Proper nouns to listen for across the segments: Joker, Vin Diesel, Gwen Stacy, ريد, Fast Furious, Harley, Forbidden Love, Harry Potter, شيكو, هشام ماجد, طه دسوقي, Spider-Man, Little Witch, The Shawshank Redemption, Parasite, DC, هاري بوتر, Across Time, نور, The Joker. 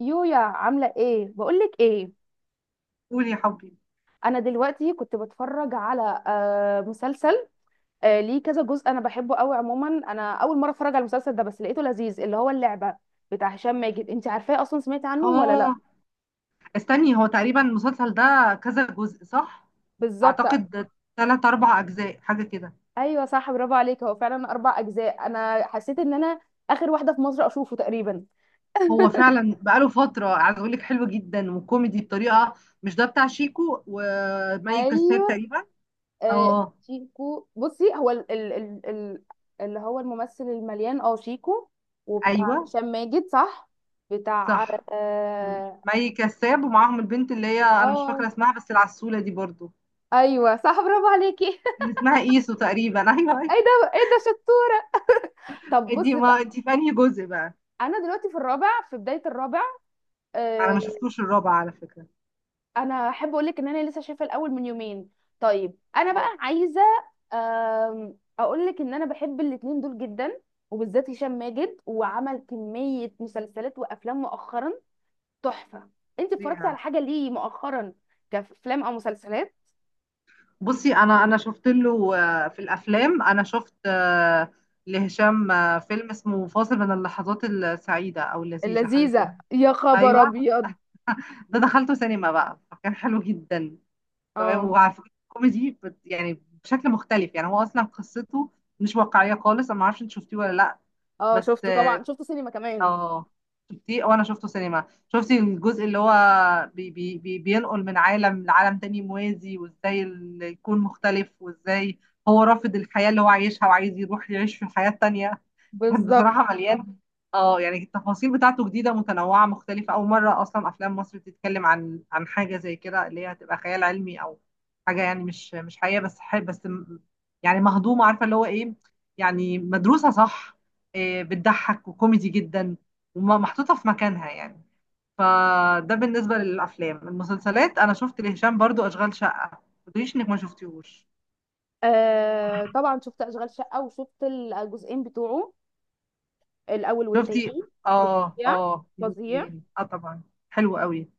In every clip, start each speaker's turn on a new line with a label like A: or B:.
A: يويا، عاملة ايه؟ بقولك ايه؟
B: قول يا حبي.
A: انا دلوقتي كنت بتفرج على مسلسل. ليه كذا جزء، انا بحبه قوي. عموما انا اول مرة اتفرج على المسلسل ده، بس لقيته لذيذ. اللي هو اللعبة بتاع هشام ماجد، انت عارفاه اصلا؟ سمعتي عنه ولا لا؟
B: اه، استني، هو تقريبا المسلسل ده كذا جزء صح؟
A: بالظبط.
B: اعتقد ثلاث اربع اجزاء حاجه كده.
A: ايوه صح، برافو عليك. هو فعلا اربع اجزاء. انا حسيت ان انا اخر واحدة في مصر اشوفه تقريبا.
B: هو فعلا بقاله فتره، عايز اقول لك حلو جدا وكوميدي بطريقه. مش ده بتاع شيكو ومي كساب
A: ايوه.
B: تقريبا؟
A: آه
B: اه
A: شيكو، بصي هو ال ال ال ال اللي هو الممثل المليان، اه شيكو. وبتاع
B: ايوه
A: هشام ماجد صح. بتاع
B: صح،
A: اه
B: مي كساب، ومعاهم البنت اللي هي انا مش
A: آه،
B: فاكره اسمها بس العسوله دي برضو،
A: ايوه صح، برافو عليكي.
B: اللي اسمها ايسو تقريبا ايوه ايوه.
A: ايه ده ايه ده، شطوره. طب
B: دي
A: بصي بقى.
B: ما دي في انهي جزء بقى؟
A: انا دلوقتي في الرابع، في بدايه الرابع.
B: انا
A: آه،
B: ما شفتوش الرابع على فكره.
A: انا احب اقول لك ان انا لسه شايفه الاول من يومين. طيب انا بقى عايزه اقول لك ان انا بحب الاتنين دول جدا. وبالذات هشام ماجد، وعمل كميه مسلسلات وافلام مؤخرا تحفه. انت اتفرجتي على
B: اه،
A: حاجه ليه مؤخرا، كافلام او مسلسلات؟
B: بصي انا شفت له في الافلام، انا شفت لهشام فيلم اسمه فاصل من اللحظات السعيده او اللذيذه حاجه كده.
A: اللذيذه؟ يا خبر
B: ايوه،
A: ابيض.
B: ده دخلته سينما بقى فكان حلو جدا. تمام،
A: اه
B: وعلى فكره كوميدي يعني بشكل مختلف، يعني هو اصلا قصته مش واقعيه خالص. انا ما اعرفش انت شفتيه ولا لا؟
A: اه،
B: بس
A: شفته طبعا، شفته سينما كمان.
B: اه، شفتيه؟ وانا شفته سينما. شفتي الجزء اللي هو بي بي بي بينقل من عالم لعالم تاني موازي، وازاي يكون مختلف، وازاي هو رافض الحياة اللي هو عايشها وعايز يروح يعيش في الحياة التانية. كانت
A: بالظبط.
B: بصراحة مليان، اه يعني التفاصيل بتاعته جديدة متنوعة مختلفة. أول مرة أصلا أفلام مصر بتتكلم عن حاجة زي كده اللي هي هتبقى خيال علمي أو حاجة يعني مش حقيقة، بس يعني مهضومة، عارفة اللي هو إيه، يعني مدروسة صح. إيه، بتضحك وكوميدي جدا ومحطوطة في مكانها يعني. فده بالنسبة للأفلام. المسلسلات أنا شفت لهشام برضو أشغال شقة. ما تقوليش إنك ما شفتيهوش.
A: آه طبعا، شفت اشغال شقه وشفت الجزئين بتوعه، الاول
B: شفتي؟
A: والتاني.
B: اه
A: فظيع
B: اه
A: فظيع.
B: جزئين اه طبعا. حلو قوي،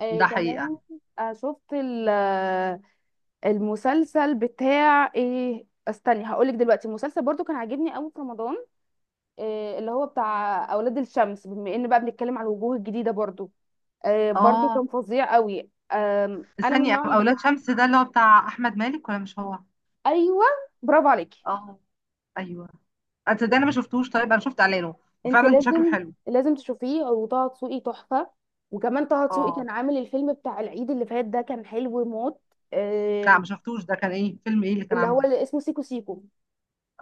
B: ده
A: كمان.
B: حقيقة.
A: شفت المسلسل بتاع ايه، استني هقولك دلوقتي. المسلسل برضو كان عاجبني قوي في رمضان. اللي هو بتاع اولاد الشمس، بما ان بقى بنتكلم على الوجوه الجديده برضو. برضو
B: اه،
A: كان فظيع قوي. انا من
B: ثانية،
A: النوع اللي
B: أولاد
A: بحب.
B: شمس ده اللي هو بتاع أحمد مالك ولا مش هو؟
A: ايوه، برافو عليكي.
B: اه أيوه، أنا ده أنا ما شفتوش. طيب أنا شفت إعلانه
A: انت
B: وفعلا شكله
A: لازم
B: حلو.
A: لازم تشوفيه. وطه دسوقي تحفه. وكمان طه دسوقي
B: اه
A: كان عامل الفيلم بتاع العيد اللي فات، ده كان حلو موت.
B: لا
A: آه،
B: ما شفتوش، ده كان إيه؟ فيلم إيه اللي كان
A: اللي هو
B: عامله؟
A: اللي اسمه سيكو سيكو.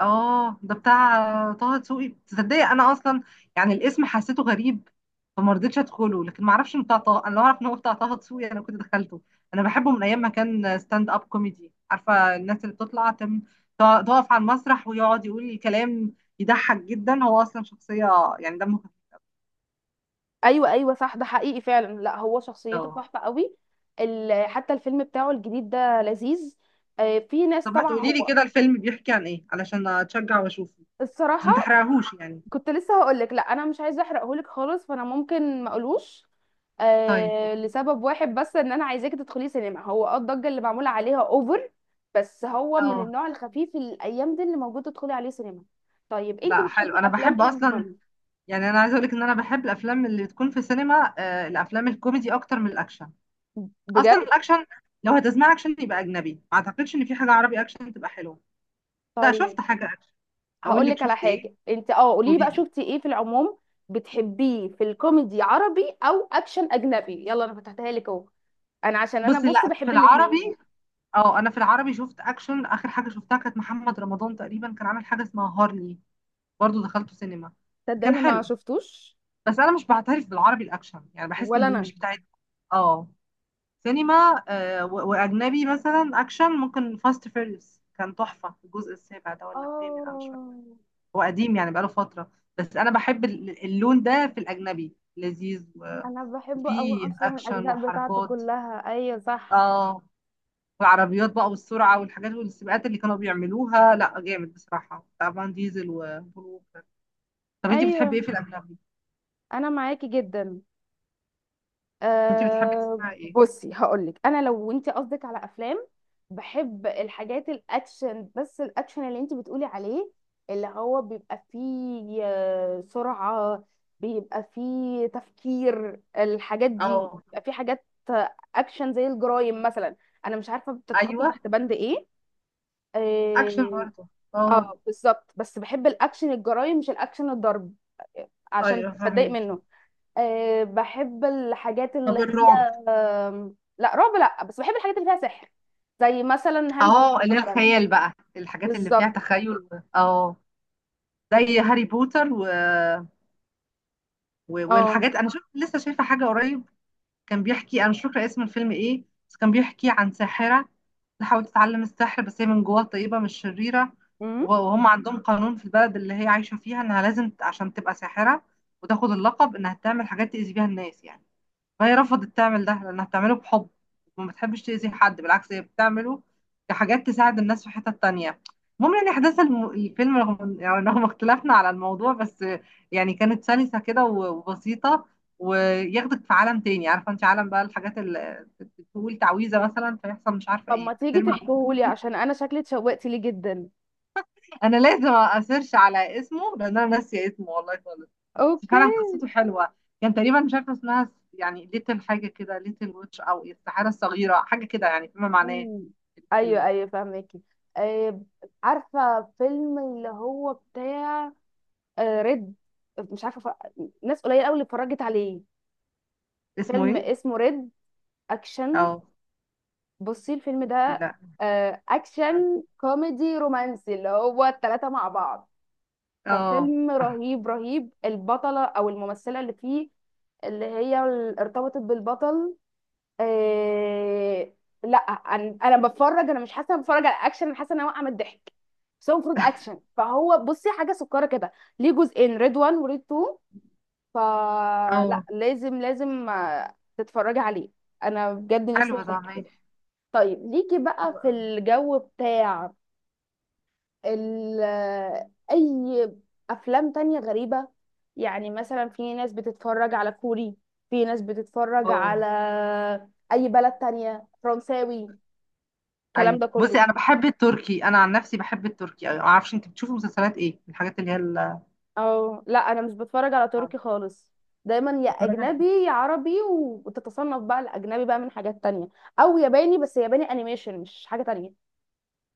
B: اه ده بتاع طه دسوقي؟ تصدقي انا اصلا يعني الاسم حسيته غريب فما رضيتش ادخله، لكن ما اعرفش انه بتاع طه. انا لو اعرف ان هو بتاع طه دسوقي انا كنت دخلته. انا بحبه من ايام ما كان ستاند اب كوميدي، عارفه الناس اللي بتطلع تقف على المسرح ويقعد يقول الكلام يضحك جدا. هو اصلا شخصيه يعني دمه خفيف.
A: ايوه ايوه صح، ده حقيقي فعلا. لا هو شخصيته
B: اه
A: تحفه قوي. حتى الفيلم بتاعه الجديد ده لذيذ. في ناس
B: طب ما
A: طبعا.
B: تقولي لي
A: هو
B: كده، الفيلم بيحكي عن ايه علشان اتشجع واشوفه، بس
A: الصراحه،
B: ما تحرقهوش يعني.
A: كنت لسه هقول لك. لا انا مش عايزه احرقهولك خالص، فانا ممكن ما اقولوش.
B: طيب
A: آه،
B: اوكي.
A: لسبب واحد بس، ان انا عايزاكي تدخلي سينما. هو اه الضجه اللي معموله عليها اوفر. بس هو من
B: اه
A: النوع الخفيف الايام دي اللي موجود، تدخلي عليه سينما. طيب انت
B: لا
A: بتحبي
B: حلو، انا
A: افلام
B: بحب
A: ايه
B: اصلا،
A: عموما؟
B: يعني انا عايزه اقولك ان انا بحب الافلام اللي تكون في السينما، الافلام الكوميدي اكتر من الاكشن. اصلا
A: بجد.
B: الاكشن لو هتسمع اكشن يبقى اجنبي، ما اعتقدش ان في حاجه عربي اكشن تبقى حلوه. لا
A: طيب
B: شفت حاجه اكشن؟ اقول
A: هقول
B: لك
A: لك على
B: شفت ايه؟
A: حاجه. انت اه قولي لي
B: قولي
A: بقى،
B: لي.
A: شفتي ايه في العموم. بتحبيه في الكوميدي عربي او اكشن اجنبي؟ يلا انا فتحتها لك اهو. انا عشان انا
B: بصي،
A: بص
B: لا، في
A: بحب الاثنين.
B: العربي، اه انا في العربي شفت اكشن اخر حاجه شفتها كانت محمد رمضان تقريبا، كان عامل حاجه اسمها هارلي، برضو دخلته سينما، كان
A: صدقني ما
B: حلو.
A: شفتوش.
B: بس انا مش بعترف بالعربي الاكشن، يعني بحس
A: ولا
B: ان
A: انا.
B: مش بتاعت اه سينما. واجنبي مثلا اكشن ممكن فاست فيريوس كان تحفه، الجزء السابع ده ولا الثامن، انا مش فاكره.
A: اه.
B: هو قديم يعني بقاله فتره، بس انا بحب اللون ده في الاجنبي لذيذ
A: انا بحبه قوي
B: وفيه
A: اصلا،
B: اكشن
A: الاجزاء بتاعته
B: وحركات.
A: كلها، ايوه صح.
B: اه والعربيات بقى والسرعه والحاجات والسباقات اللي كانوا بيعملوها، لا جامد بصراحه، بتاع فان ديزل وبول ووكر. طب انت بتحبي ايه
A: ايوه.
B: في الاجنبي؟
A: انا معاكي جدا.
B: انت بتحبي تسمعي ايه؟
A: بصي هقول لك انا. لو انت قصدك على افلام، بحب الحاجات الاكشن. بس الاكشن اللي انت بتقولي عليه، اللي هو بيبقى فيه سرعة. بيبقى فيه تفكير، الحاجات دي.
B: اه
A: بيبقى فيه حاجات اكشن زي الجرايم مثلا. انا مش عارفة بتتحط
B: ايوه،
A: تحت بند ايه.
B: اكشن
A: اه.
B: برضه، اه
A: بالظبط. بس بحب الاكشن الجرايم، مش الاكشن الضرب. عشان
B: ايوه
A: بتضايق
B: فاهمكي.
A: منه. بحب الحاجات اللي
B: طب
A: هي
B: الرعب؟
A: لا رعب لا، بس بحب الحاجات اللي فيها سحر. زي مثلا هاري بوتر
B: اه اللي هي
A: مثلا.
B: الخيال بقى، الحاجات اللي فيها
A: بالظبط.
B: تخيل اه زي هاري بوتر
A: اه.
B: والحاجات. انا شفت، لسه شايفه حاجه قريب كان بيحكي، انا مش فاكره اسم الفيلم ايه، بس كان بيحكي عن ساحره تحاول تتعلم السحر بس هي من جواها طيبه مش شريره.
A: امم
B: وهم عندهم قانون في البلد اللي هي عايشه فيها انها لازم عشان تبقى ساحره وتاخد اللقب انها تعمل حاجات تأذي بيها الناس يعني، وهي رفضت تعمل ده لأنها بتعمله بحب، وما بتحبش تأذي حد. بالعكس، هي بتعمله كحاجات تساعد الناس في حتة تانية. المهم يعني أحداث الفيلم، رغم يعني رغم اختلافنا على الموضوع، بس يعني كانت سلسة كده وبسيطة، وياخدك في عالم تاني، عارفة انت عالم بقى الحاجات اللي بتقول تعويذة مثلا فيحصل مش عارفة
A: طب ما
B: ايه
A: تيجي
B: فترمي.
A: تحكيهولي، عشان انا شكلي اتشوقت ليه جدا.
B: انا لازم اسيرش على اسمه لان انا ناسيه اسمه والله خالص، بس
A: اوكي.
B: فعلا قصته حلوه. كان تقريبا مش عارفه اسمها، يعني ليتل حاجه كده، ليتل ويتش او السحاره الصغيره حاجه كده يعني فيما معناه.
A: مم. ايوه
B: الفيلم
A: ايوه، فاهمكي. آه، عارفه فيلم اللي هو بتاع ريد. مش عارفه ناس قليله قوي اللي اتفرجت عليه.
B: اسمه
A: فيلم
B: ايه؟
A: اسمه ريد، اكشن.
B: اه
A: بصي الفيلم ده
B: لا مش عارفة.
A: اكشن كوميدي رومانسي، اللي هو التلاتة مع بعض.
B: اه
A: ففيلم رهيب رهيب. البطله او الممثله اللي فيه، اللي هي ارتبطت بالبطل. إيه... لا انا بتفرج، انا مش حاسه إني بتفرج على اكشن. انا حاسه ان انا واقعه من الضحك. بس هو المفروض اكشن، فهو بصي حاجه سكره كده. ليه جزئين، ريد 1 وريد 2. فلا
B: اه،
A: لازم لازم تتفرجي عليه. انا بجد نفسي
B: حلو ده
A: اخد كده.
B: ماشي،
A: طيب ليكي
B: حلو
A: بقى في
B: أوي.
A: الجو بتاع ال اي افلام تانية غريبة. يعني مثلا في ناس بتتفرج على كوري، في ناس بتتفرج على
B: اه
A: اي بلد تانية، فرنساوي، الكلام
B: ايوه،
A: ده
B: بصي
A: كله.
B: انا بحب التركي، انا عن نفسي بحب التركي أوي. ما اعرفش انت بتشوفي مسلسلات ايه، الحاجات اللي هي
A: او لا، انا مش بتفرج على تركي خالص. دايما يا
B: بتتفرج على
A: اجنبي
B: ايه؟
A: يا عربي. وتتصنف بقى الاجنبي بقى من حاجات تانية. او ياباني. بس ياباني انيميشن، مش حاجة تانية.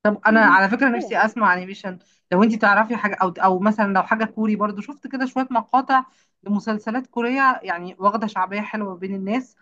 B: طب انا
A: كوري
B: على فكره
A: كده.
B: نفسي اسمع انيميشن. لو انت تعرفي حاجه، او مثلا لو حاجه كوري، برضو شفت كده شويه مقاطع لمسلسلات كوريه يعني واخده شعبيه حلوه بين الناس.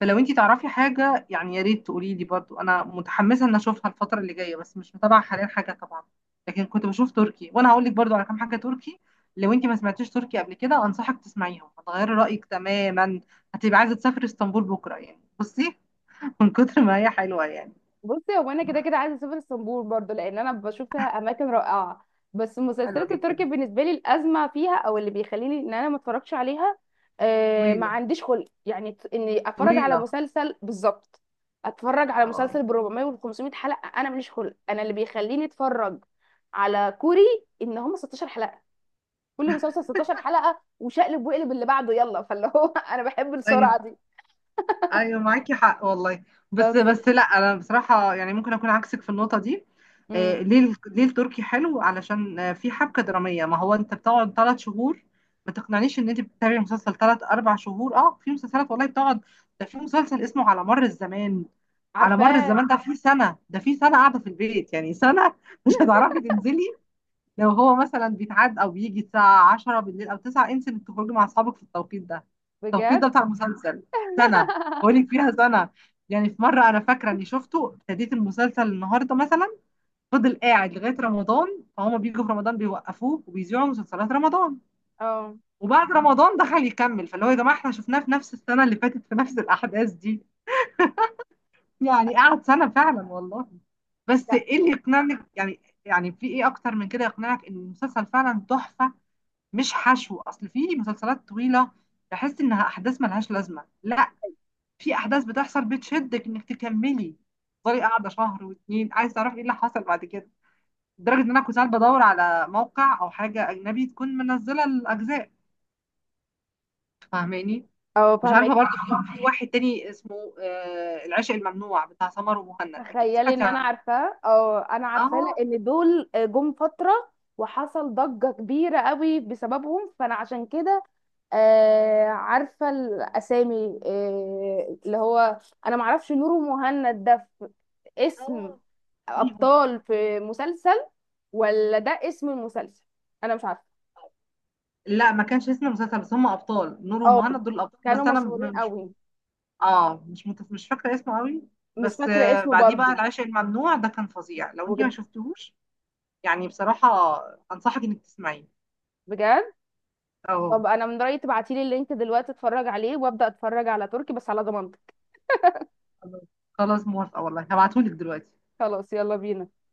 B: فلو انت تعرفي حاجه يعني يا ريت تقولي لي برضو، انا متحمسه ان اشوفها الفتره اللي جايه، بس مش متابعه حاليا حاجه طبعا. لكن كنت بشوف تركي، وانا هقول لك برضو على كام حاجه تركي. لو انت ما سمعتيش تركي قبل كده انصحك تسمعيهم، هتغيري رايك تماما، هتبقى عايزه تسافري اسطنبول بكره يعني. بصي من كتر ما هي حلوه يعني،
A: بصي هو انا كده كده عايزه اسافر اسطنبول برضو، لان انا بشوف فيها اماكن رائعه. بس
B: حلوه
A: المسلسلات التركي
B: جدا.
A: بالنسبه لي، الازمه فيها او اللي بيخليني ان انا ما اتفرجش عليها، آه ما
B: طويله
A: عنديش خلق يعني اني اتفرج على
B: طويله.
A: مسلسل بالظبط. اتفرج على
B: اه
A: مسلسل ب 400 وال 500 حلقه، انا ماليش خلق. انا اللي بيخليني اتفرج على كوري ان هم 16 حلقه. كل مسلسل 16 حلقه، وشقلب وقلب اللي بعده يلا. فاللي هو انا بحب
B: ايوه
A: السرعه دي.
B: ايوه، معاكي حق والله. بس
A: بس.
B: بس لا انا بصراحه يعني ممكن اكون عكسك في النقطه دي.
A: امم
B: ليه ليه التركي حلو؟ علشان في حبكه دراميه. ما هو انت بتقعد ثلاث شهور، ما تقنعنيش ان انت بتتابعي مسلسل ثلاث اربع شهور. اه في مسلسلات والله بتقعد، ده في مسلسل اسمه على مر الزمان، على مر
A: عارفاه.
B: الزمان ده في سنه، قاعده في البيت يعني سنه. مش هتعرفي تنزلي. لو هو مثلا بيتعاد او بيجي الساعه 10 بالليل او 9، انسي انك تخرجي مع اصحابك في التوقيت ده، التوقيت ده
A: بجد.
B: بتاع المسلسل. سنه، بقول لك فيها سنه. يعني في مره انا فاكره اني شفته، ابتديت المسلسل النهارده مثلا، فضل قاعد لغايه رمضان، فهم بيجوا في رمضان بيوقفوه وبيذيعوا مسلسلات رمضان،
A: اه.
B: وبعد رمضان دخل يكمل. فاللي هو يا جماعه احنا شفناه في نفس السنه اللي فاتت في نفس الاحداث دي، يعني قعد سنه فعلا والله. بس
A: لا.
B: ايه اللي يقنعني يعني، يعني في ايه اكتر من كده يقنعك ان المسلسل فعلا تحفه، مش حشو؟ اصل في مسلسلات طويله بحس انها احداث ملهاش لازمه. لا، في احداث بتحصل بتشدك انك تكملي، تفضلي قاعده شهر واتنين عايز تعرفي ايه اللي حصل بعد كده، لدرجه ان انا كنت ساعات بدور على موقع او حاجه اجنبي تكون منزله الاجزاء. فاهماني؟
A: اه.
B: مش عارفه
A: فاهمك.
B: برضه. في واحد تاني اسمه آه العشق الممنوع بتاع سمر ومهند، اكيد
A: تخيلي
B: سمعتي
A: ان انا
B: عنه.
A: عارفاه. اه انا عارفاه،
B: اه
A: لان دول جم فتره، وحصل ضجه كبيره قوي بسببهم. فانا عشان كده آه عارفه الاسامي. اللي هو انا معرفش نور ومهند، ده في اسم
B: اه ليهم بقى.
A: ابطال في مسلسل ولا ده اسم المسلسل؟ انا مش عارفه.
B: لا ما كانش اسم المسلسل، بس هم ابطال، نور
A: اه.
B: ومهند دول الابطال،
A: كانوا
B: بس انا
A: مشهورين
B: مش،
A: قوي.
B: اه مش مش فاكره اسمه قوي.
A: مش
B: بس
A: فاكره اسمه
B: بعديه بقى
A: برضه.
B: العشق الممنوع ده كان فظيع، لو انت ما
A: بجد.
B: شفتهوش يعني. بصراحه انصحك انك تسمعيه.
A: بجد.
B: اه
A: طب انا من رايي تبعتي لي اللينك دلوقتي، اتفرج عليه وابدا اتفرج على تركي بس على ضمانتك.
B: خلاص خلاص، موافقه والله، هبعتهولك دلوقتي.
A: خلاص يلا بينا.